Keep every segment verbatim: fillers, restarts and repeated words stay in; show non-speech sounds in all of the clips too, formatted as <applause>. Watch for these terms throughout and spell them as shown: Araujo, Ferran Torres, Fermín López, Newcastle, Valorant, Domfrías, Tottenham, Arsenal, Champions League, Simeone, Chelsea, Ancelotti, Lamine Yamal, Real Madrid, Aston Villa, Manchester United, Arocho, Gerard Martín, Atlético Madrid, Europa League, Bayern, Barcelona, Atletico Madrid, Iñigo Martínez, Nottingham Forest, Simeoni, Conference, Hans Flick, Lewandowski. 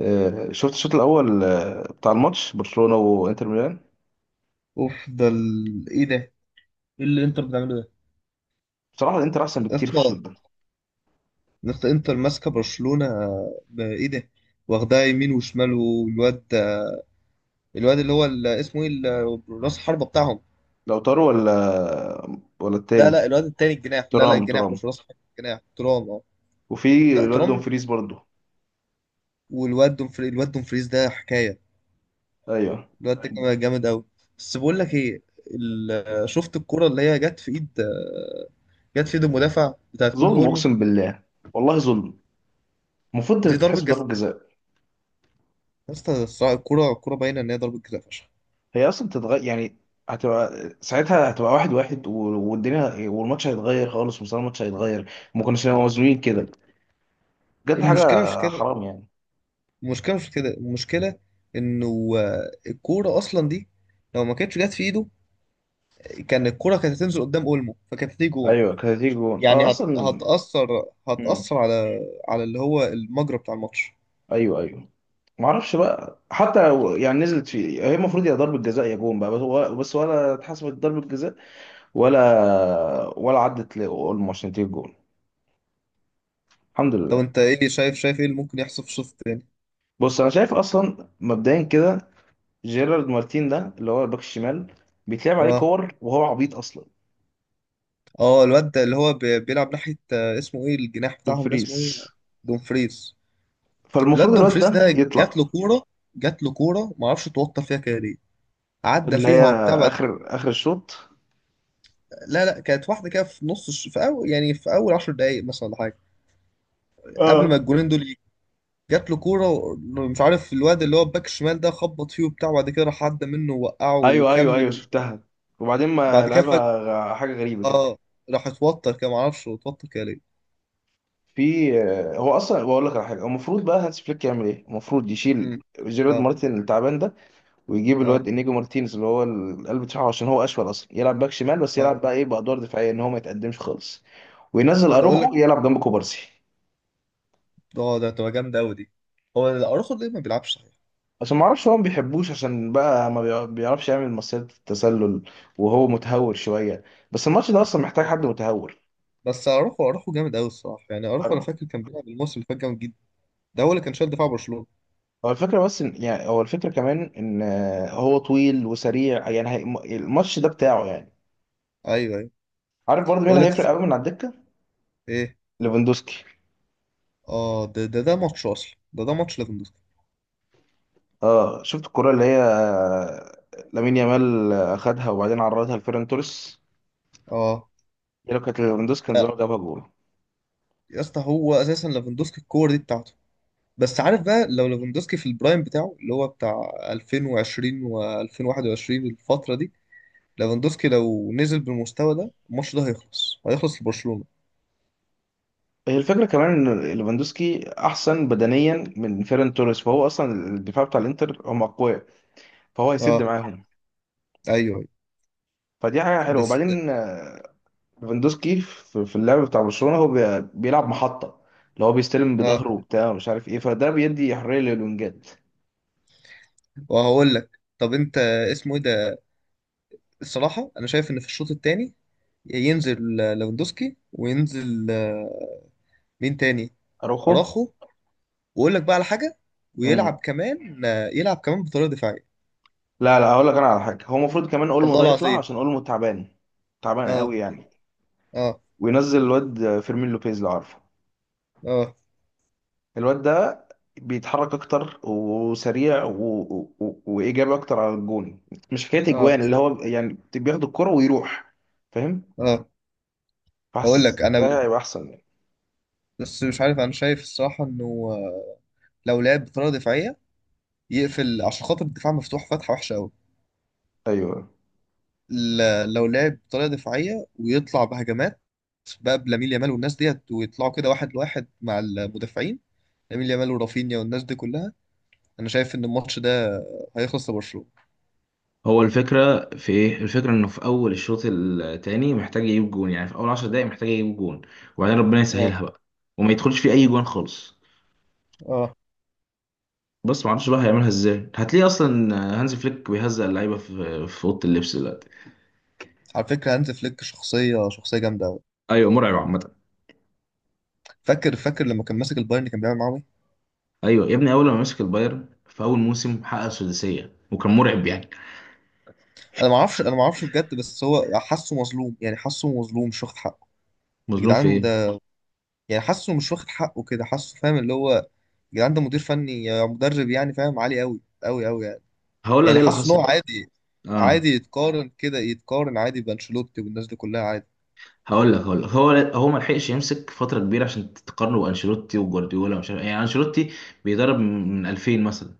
آه، شفت الشوط الاول آه، بتاع الماتش برشلونه وانتر ميلان. اوف، ده ال... ايه ده؟ ايه اللي انتر بتعمله ده بصراحه الانتر احسن بكتير في الشوط اصلا؟ ده. نفس انتر ماسكه برشلونه، ب- ايه ده؟ واخدها يمين وشمال، والواد، الواد اللي هو ال- اسمه ايه ال- راس الحربه بتاعهم؟ لو طاروا ولا ولا لا لا، التاني. الواد التاني الجناح، لا لا، ترام الجناح ترام. مش راس حربه، الجناح ترام، اه، وفي لا الواد ترام. دومفريز برضه. والواد دومفري الواد دومفريز ده حكايه، ايوه، الواد ده كمان جامد قوي. بس بقول لك ايه، ال... شفت الكره اللي هي جت في ايد جت في ايد المدافع بتاعت كوره ظلم اولمو؟ اقسم بالله، والله ظلم، المفروض دي ضربه تتحسب جزاء، ضربه جزاء. يا اسطى الصراحة الكره الكره باينه ان هي ضربه جزاء فشخ. هي اصلا تتغير يعني، هتبقى ساعتها، هتبقى واحد واحد و- والدنيا والماتش هيتغير خالص، مستوى الماتش هيتغير، ما كناش نبقى مظلومين كده. بجد المشكله مش حاجه كده حرام يعني. المشكله مش كده المشكله انه آه، الكوره اصلا دي لو ما كانتش جت في ايده كان الكوره كانت هتنزل قدام اولمو، فكانت هتيجي جون. ايوه كانت هتيجي جون اه يعني هت... اصلا. هتاثر مم. هتاثر على، على اللي هو المجرى بتاع الماتش. ايوه ايوه. ما اعرفش بقى، حتى لو يعني نزلت فيه، هي المفروض يا ضربة جزاء يا جون بقى، بس ولا, بس ولا اتحسبت ضربة جزاء. ولا ولا عدت لاولمو عشان تجيب جون. الحمد طب لله. انت ايه شايف، شايف ايه اللي ممكن يحصل في الشوط الثاني؟ بص انا شايف اصلا مبدئيا كده، جيرارد مارتين ده اللي هو الباك الشمال بيتلعب عليه اه كور وهو عبيط اصلا. اه، الواد ده اللي هو بي- بيلعب ناحيه، آه، اسمه ايه الجناح بتاعهم ده، اسمه ايه؟ دومفريز. دومفريز، الواد فالمفروض الواد دومفريز ده ده يطلع. جات له كوره جات له كوره، ما اعرفش اتوتر فيها كده ليه، عدى اللي فيها هي وبتاع. اخر اخر الشوط. لا لا، كانت واحده كده في نص الش- في اول، يعني في اول 10 دقائق مثلا ولا حاجه، قبل ما اه. الجولين دول يجوا. جات له كوره و- مش عارف الواد اللي هو الباك الشمال ده خبط فيه وبتاع، وبعد كده راح عدى منه ووقعه ايوه ايوه ايوه وكمل. شفتها، وبعدين ما بعد كده فجاه، لعبها. غ- حاجة غريبة كده. اه، راح اتوتر كده، معرفش هو اتوتر كده ليه. في، آه، هو اصلا بقول لك على حاجه، هو المفروض بقى هانس فليك يعمل ايه؟ المفروض يشيل مم. جيرارد اه مارتن التعبان ده، ويجيب الواد اه انيجو مارتينز اللي هو القلب بتاعه، عشان هو اشول، اصلا يلعب باك شمال بس اه، يلعب بقى ايه بادوار دفاعيه، ان هو ما يتقدمش خالص، وينزل تقول اروخو لك، يلعب جنب كوبارسي. اه ده تبقى جامده قوي دي. هو اروخو ليه ما بيلعبش صحيح؟ عشان ما اعرفش، هو ما بيحبوش، عشان بقى ما بيع- بيعرفش يعمل مصيدة التسلل، وهو متهور شويه، بس الماتش ده اصلا محتاج بس، حد متهور. بس اروخو اروخو جامد قوي الصراحه، يعني اروخو انا أروخو. فاكر كان بيلعب الموسم اللي فات جامد جدا، ده هو اللي كان شايل دفاع برشلونه. هو الفكرة بس إن يعني، هو الفكرة كمان إن آه، هو طويل وسريع يعني، هي- الماتش ده بتاعه يعني. ايوه ايوه، عارف برضه مين هقول اللي لك هيفرق قوي من على الدكه؟ ايه، ليفاندوسكي. اه ده ده ده ماتش، اصلا ده ده ماتش ليفاندوسكي، اه شفت الكرة اللي هي، آه، لامين يامال اخدها وبعدين عرضها لفيران توريس، اه هي لو كانت ليفاندوسكي كان ده. زمان جابها جول. يا اسطى هو اساسا ليفاندوسكي الكور دي بتاعته، بس عارف بقى لو ليفاندوسكي في البرايم بتاعه اللي هو بتاع ألفين وعشرين و2021 الفترة دي، ليفاندوسكي لو نزل بالمستوى ده الماتش ده هيخلص، هيخلص لبرشلونة. هي الفكرة كمان ان ليفاندوسكي احسن بدنيا من فيران توريس، فهو اصلا الدفاع بتاع الانتر هم اقوياء، فهو هيسد اه، معاهم. ايوه أيوة. فدي حاجة حلوة. بس، وبعدين، آه، ليفاندوسكي في في اللعب بتاع برشلونة هو بي- بيلعب محطة، اللي هو بيستلم اه، بظهره وبتاع مش عارف ايه، فده بيدي حرية للونجات. وهقول لك، طب انت، اسمه ايه ده؟ الصراحة انا شايف ان في الشوط التاني ينزل ليفاندوسكي وينزل آه، مين تاني؟ اروخو. اراخو. واقول لك بقى على حاجه، ويلعب كمان، آه، يلعب كمان بطريقه دفاعيه. لا لا، هقول لك انا على حاجه، هو المفروض كمان اولمو والله ده يطلع، العظيم، عشان اولمو تعبان، تعبان اه قوي يعني. اه وينزل الواد فيرمين لوبيز لو عارفه. اه الواد ده بيتحرك اكتر وسريع و... و... و- وايجابي اكتر على الجون، مش حكايه اه اجوان، اللي هو يعني بياخد الكرة ويروح، فاهم؟ اه. هقول فحاسس لك انا ده ب- هيبقى احسن يعني. بس مش عارف، انا شايف الصراحه انه آه، لو لعب بطريقه دفاعيه يقفل عشان خاطر الدفاع مفتوح فتحه وحشه قوي. ايوه. ل- لو لعب بطريقه دفاعيه ويطلع بهجمات بقى بلامين يامال والناس ديت، ويطلعوا كده واحد لواحد مع المدافعين، لامين يامال ورافينيا والناس دي كلها، انا شايف ان الماتش ده آه، هيخلص لبرشلونه. هو الفكرة في ايه؟ الفكرة انه في اول الشوط التاني محتاج يجيب جون، يعني في اول عشر دقايق محتاج يجيب جون، وبعدين ربنا اه يسهلها بقى، وما يدخلش فيه اي جون خالص. اه، بس ما اعرفش بقى هيعملها ازاي، هتلاقيه اصلا هانز فليك بيهزق اللعيبه في في اوضه اللبس دلوقتي. على فكره هانز فليك شخصيه، شخصيه جامده قوي. ايوه مرعب عامه. فاكر، فاكر لما كان ماسك البايرن كان بيعمل معاهم ايه؟ ايوه يا ابني، اول ما مسك البايرن في اول موسم حقق سداسيه وكان مرعب يعني. انا ما اعرفش انا ما اعرفش بجد، بس هو حاسه مظلوم، يعني حاسه مظلوم، مش واخد حقه. يا مظلوم في جدعان ايه؟ ده، يعني حاسه مش واخد حقه كده، حاسه فاهم اللي هو، يا جدعان ده مدير فني يا مدرب، يعني فاهم، عالي قوي قوي قوي يعني. هقول لك يعني ايه اللي حاسه ان هو حصل. عادي، اه. عادي يتقارن كده، يتقارن عادي بانشيلوتي والناس دي كلها، عادي. هقول لك هقول لك هو، هو ما لحقش يمسك فتره كبيره عشان تقارنه بانشيلوتي وجوارديولا ومش عارف إيه. يعني انشيلوتي بيدرب من ألفين مثلا،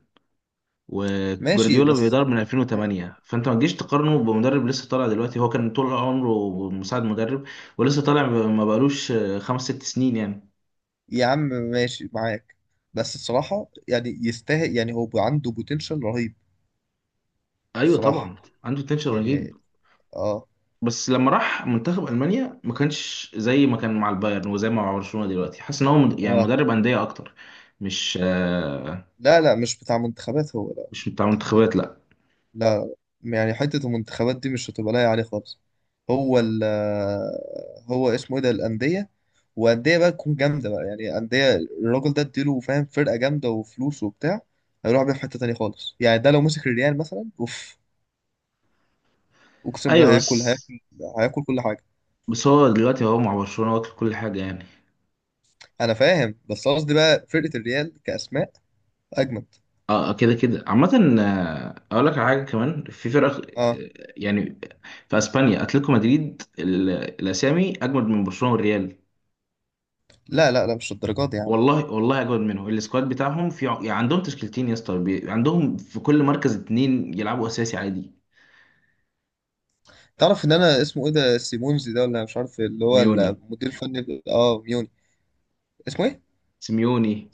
ماشي وجوارديولا بس. بيدرب من مم. ألفين وثمانية، فانت ما تجيش تقارنه بمدرب لسه طالع دلوقتي، هو كان طول عمره مساعد مدرب، ولسه طالع، ما بقالوش خمس ست سنين يعني. يا عم ماشي معاك، بس الصراحة يعني يستاهل، يعني هو عنده بوتنشال رهيب، ايوه الصراحة طبعا. عنده تنشن يعني، رهيب. اه بس لما راح منتخب المانيا ما كانش زي ما كان مع البايرن، وزي ما مع برشلونه دلوقتي، حاسس ان هو مد- يعني اه. مدرب انديه اكتر، مش، آه، لا لا، مش بتاع منتخبات هو، لا مش بتاع منتخبات لا. لا. يعني حتة المنتخبات دي مش هتبقى لايقة عليه خالص. هو ال هو اسمه ايه ده؟ الأندية، وأندية بقى تكون جامدة بقى، يعني أندية الراجل ده اديله فاهم فرقة جامدة وفلوس وبتاع، هيروح بيها في حتة تانية خالص. يعني ده لو مسك الريال مثلا، اوف، اقسم بالله ايوه هياكل بس، هياكل، هياكل كل حاجة. بس هو دلوقتي هو مع برشلونه واكل كل حاجه يعني. انا فاهم بس قصدي بقى فرقة الريال كأسماء اجمد، اه، آه، كده كده عامة، آه، اقول لك على حاجة كمان في فرق، اه. آه، يعني في اسبانيا اتلتيكو مدريد، ال- الاسامي اجمد من برشلونة والريال. لا لا لا، مش الدرجات دي يا عم. والله والله اجمد منهم، السكواد بتاعهم في ع- يعني عندهم تشكيلتين يا اسطى، بي- عندهم في كل مركز اتنين يلعبوا اساسي عادي. تعرف ان انا اسمه ايه ده، سيمونز ده، ولا مش عارف اللي هو سيميوني. المدير الفني، ب- اه ميوني، اسمه ايه؟ سيميوني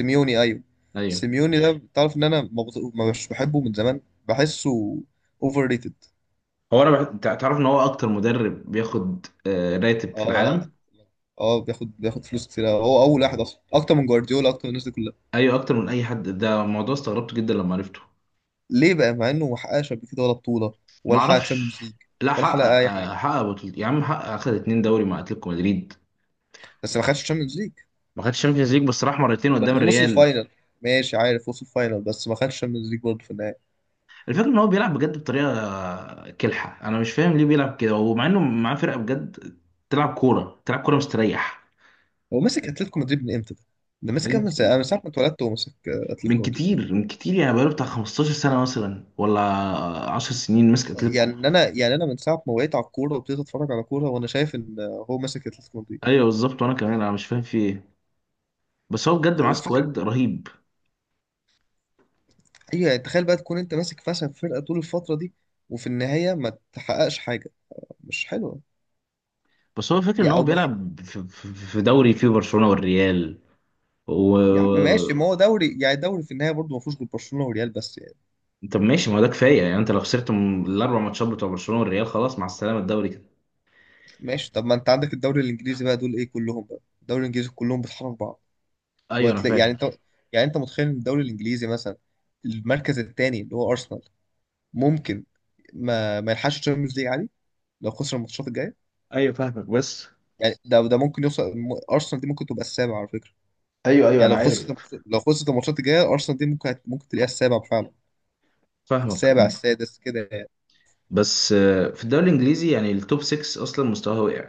سيميوني، ايوه، ايوع. سيميوني ده تعرف ان انا ما بط- ما مش بحبه من زمان، بحسه اوفر ريتد. هو انا بح... تع- تعرف ان هو اكتر مدرب بياخد، آه، راتب اه في اه العالم؟ اه، بياخد، بياخد فلوس كتير أوي. هو اول واحد، اصلا اكتر من جوارديولا، اكتر من الناس دي كلها. ايوه اكتر من اي حد، ده موضوع استغربته جدا لما عرفته. ليه بقى مع انه ما حققش قبل كده ولا بطوله، ولا حقق معرفش. تشامبيونز ليج، لا ولا حقق حقق، اي حاجه؟ آه، حقق بطولة يا عم، حقق اخد اتنين دوري مع اتلتيكو مدريد. بس ما خدش تشامبيونز ليج، ما خدش الشامبيونز ليج، بس راح مرتين قدام بس وصل الريال. فاينل. ماشي، عارف وصل فاينل، بس ما خدش تشامبيونز ليج برضه في النهايه. الفكره ان هو بيلعب بجد بطريقه، آه، كلحه، انا مش فاهم ليه بيلعب كده، ومع انه معاه فرقه بجد تلعب كوره، تلعب كوره مستريح. هو ماسك اتلتيكو مدريد من امتى ده؟ ده ماسك من من ساعة- من ساعة ما اتولدت وهو ماسك آه، من اتلتيكو مدريد. كتير، من كتير يعني، بقاله بتاع خمستاشر سنة سنه مثلا ولا 10 سنين ماسك اتلتيكو. يعني انا، يعني انا من ساعة ما وقعت على الكورة وابتديت اتفرج على كورة وانا شايف ان آه، هو ماسك اتلتيكو مدريد. ايوه بالظبط، وانا كمان انا مش فاهم في ايه، بس هو بجد معاه وفكرة، سكواد رهيب. ايوه، يعني تخيل بقى تكون انت ماسك فشل فرقة طول الفترة دي وفي النهاية ما تحققش حاجة، مش حلوة. بس هو فاكر ان يا هو او ما تحقق- بيلعب في في- في دوري فيه برشلونه والريال. و. يا عم ماشي، ما هو دوري، يعني دوري في النهاية برضه ما فيهوش غير برشلونة وريال بس يعني. طب ماشي، ما هو ده كفايه يعني، انت لو خسرت من الاربع ماتشات بتوع برشلونه والريال خلاص مع السلامه الدوري كده. ماشي، طب ما انت عندك الدوري الانجليزي بقى، دول ايه كلهم بقى الدوري الانجليزي كلهم بيطحنوا في بعض. ايوه انا وهتلاقي يعني فاهم. انت، يعني انت متخيل ان الدوري الانجليزي مثلا، المركز الثاني اللي هو ارسنال، ممكن ما ما يلحقش الشامبيونز ليج عادي لو خسر الماتشات الجايه. ايوه فاهمك بس. يعني ده ده ممكن يوصل، م- ارسنال دي ممكن تبقى السابع على فكره، ايوه ايوه يعني انا لو خسرت عارف. الماتش- لو خسرت الماتشات الجايه، ارسنال دي ممكن هت- ممكن تلاقيها السابع فعلا، فاهمك. السابع السادس كده يعني. بس، آه، في الدوري الانجليزي يعني التوب ستة اصلا مستواه وقع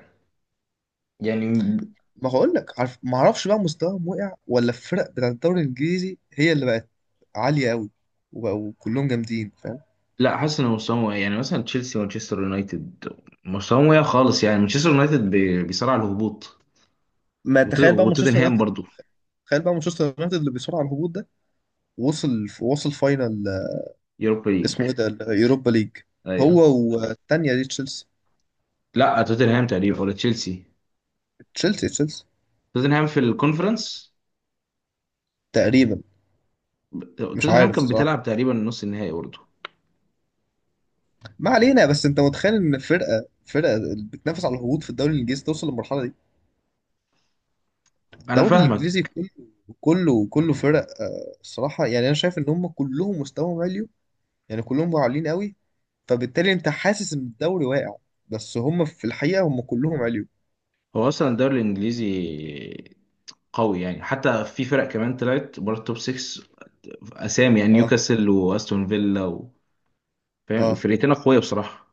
يعني. ما هقول لك، عارف، ما اعرفش بقى مستواهم وقع ولا الفرق بتاعت الدوري الانجليزي هي اللي بقت عاليه قوي وبقوا كلهم جامدين، فاهم. لا، حاسس ان مستواهم وقع يعني، مثلا تشيلسي ومانشستر يونايتد مستواهم وقع خالص، يعني مانشستر يونايتد بي- بيصارع على الهبوط، ما وت- تخيل بقى مانشستر وتوتنهام يونايتد، برضو. تخيل بقى مانشستر يونايتد اللي بيصارع على الهبوط ده، وصل، وصل فاينل، آه، يوروبا ليج. اسمه ايه ده، اليوروبا ليج؟ ايوه. هو، والتانية دي تشيلسي، لا توتنهام تقريبا، ولا تشيلسي. تشيلسي تشيلسي توتنهام في الكونفرنس. تقريبا، مش توتنهام عارف كان الصراحة. بتلعب تقريبا نص النهائي برضه. ما علينا، بس انت متخيل ان فرقة، فرقة بتنافس على الهبوط في الدوري الانجليزي توصل للمرحلة دي؟ انا الدوري الانجليزي فاهمك. كله، كله كله فرق، آه، الصراحة يعني، انا شايف ان هم كلهم مستواهم عالي، يعني كلهم عاليين قوي، فبالتالي انت حاسس ان الدوري واقع، بس هم في الحقيقة هم كلهم عالي. هو اصلا الدوري الانجليزي قوي يعني، حتى في فرق كمان طلعت بره التوب ستة، اسامي يعني اه نيوكاسل واستون فيلا و... فاهم اه، فرقتين اقوياء بصراحه.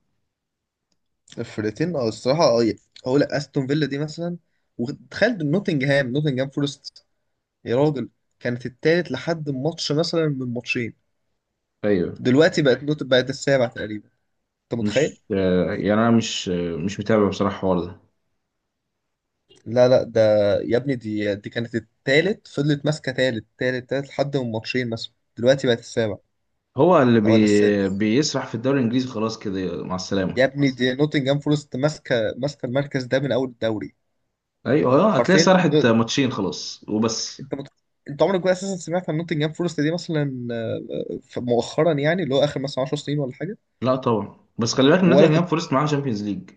فرقتين اه الصراحه، اه، ي- هقول لك استون فيلا دي مثلا، وتخيل نوتنجهام، نوتنجهام فورست يا راجل، كانت التالت لحد ماتش مثلا من ماتشين، ايوه. دلوقتي بقت نوت، بقت السابع تقريبا، انت متخيل؟ مش، آه، يعني انا مش، آه، مش متابع بصراحه الحوار ده. لا لا ده، يا ابني دي، دي كانت التالت، فضلت ماسكه تالت تالت تالت لحد من ماتشين مثلا، دلوقتي بقت السابع هو اللي او ولا بي... السادس. بيسرح في الدوري الانجليزي، خلاص كده مع السلامه. يا ابني دي نوتنجهام فورست ماسكه، ماسكه المركز ده من اول الدوري ايوه، آه، هتلاقي حرفيا. سرحت ماتشين خلاص وبس. انت مت... انت عمرك بقى اساسا سمعت عن نوتنجهام فورست دي مثلا مؤخرا، يعني اللي هو اخر مثلا 10 سنين ولا حاجه؟ لا طبعا، بس خلي بالك ان ولا كنت، نوتنجهام فورست معاه شامبيونز ليج.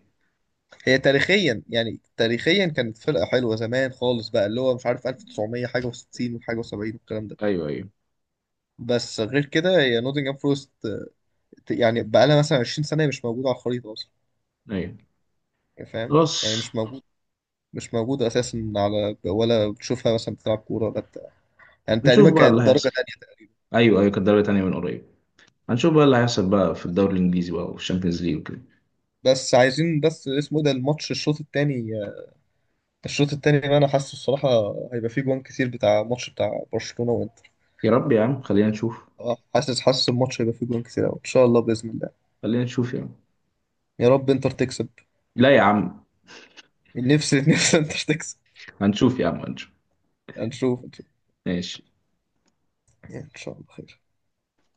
هي تاريخيا، يعني تاريخيا كانت فرقه حلوه زمان خالص بقى اللي هو مش عارف ألف وتسعمية حاجه و60 وحاجه و70 والكلام ده. ايوه ايوه بس غير كده هي نوتنجهام فورست آه، يعني بقى لها مثلا 20 سنه مش موجوده على الخريطه اصلا، ايوه يعني فاهم، يعني خلاص. مش موجود، مش موجود اساسا على، ولا بتشوفها مثلا بتلعب كوره ولا بتاع، يعني تقريبا هنشوف بقى اللي كانت درجه هيحصل. تانيه. ايوه ايوه كانت دوري تانية من قريب. هنشوف بقى اللي هيحصل بقى في الدوري الانجليزي بقى، وفي الشامبيونز ليج وكده. بس عايزين، بس اسمه إيه ده الماتش، الشوط التاني، الشوط التاني بقى انا حاسه الصراحه هيبقى فيه جوان كتير بتاع ماتش بتاع برشلونه. يا رب يا عم، خلينا نشوف. اه حاسس، حاسس الماتش هيبقى فيه جوان كتير قوي ان شاء الله باذن الله. خلينا نشوف يا عم. يا رب انتر تكسب، لا يا عم. نفسي <laughs> نفسي انتر تكسب. هنشوف يا عم هنشوف. هنشوف، هنشوف. ماشي. يعني ان شاء الله خير.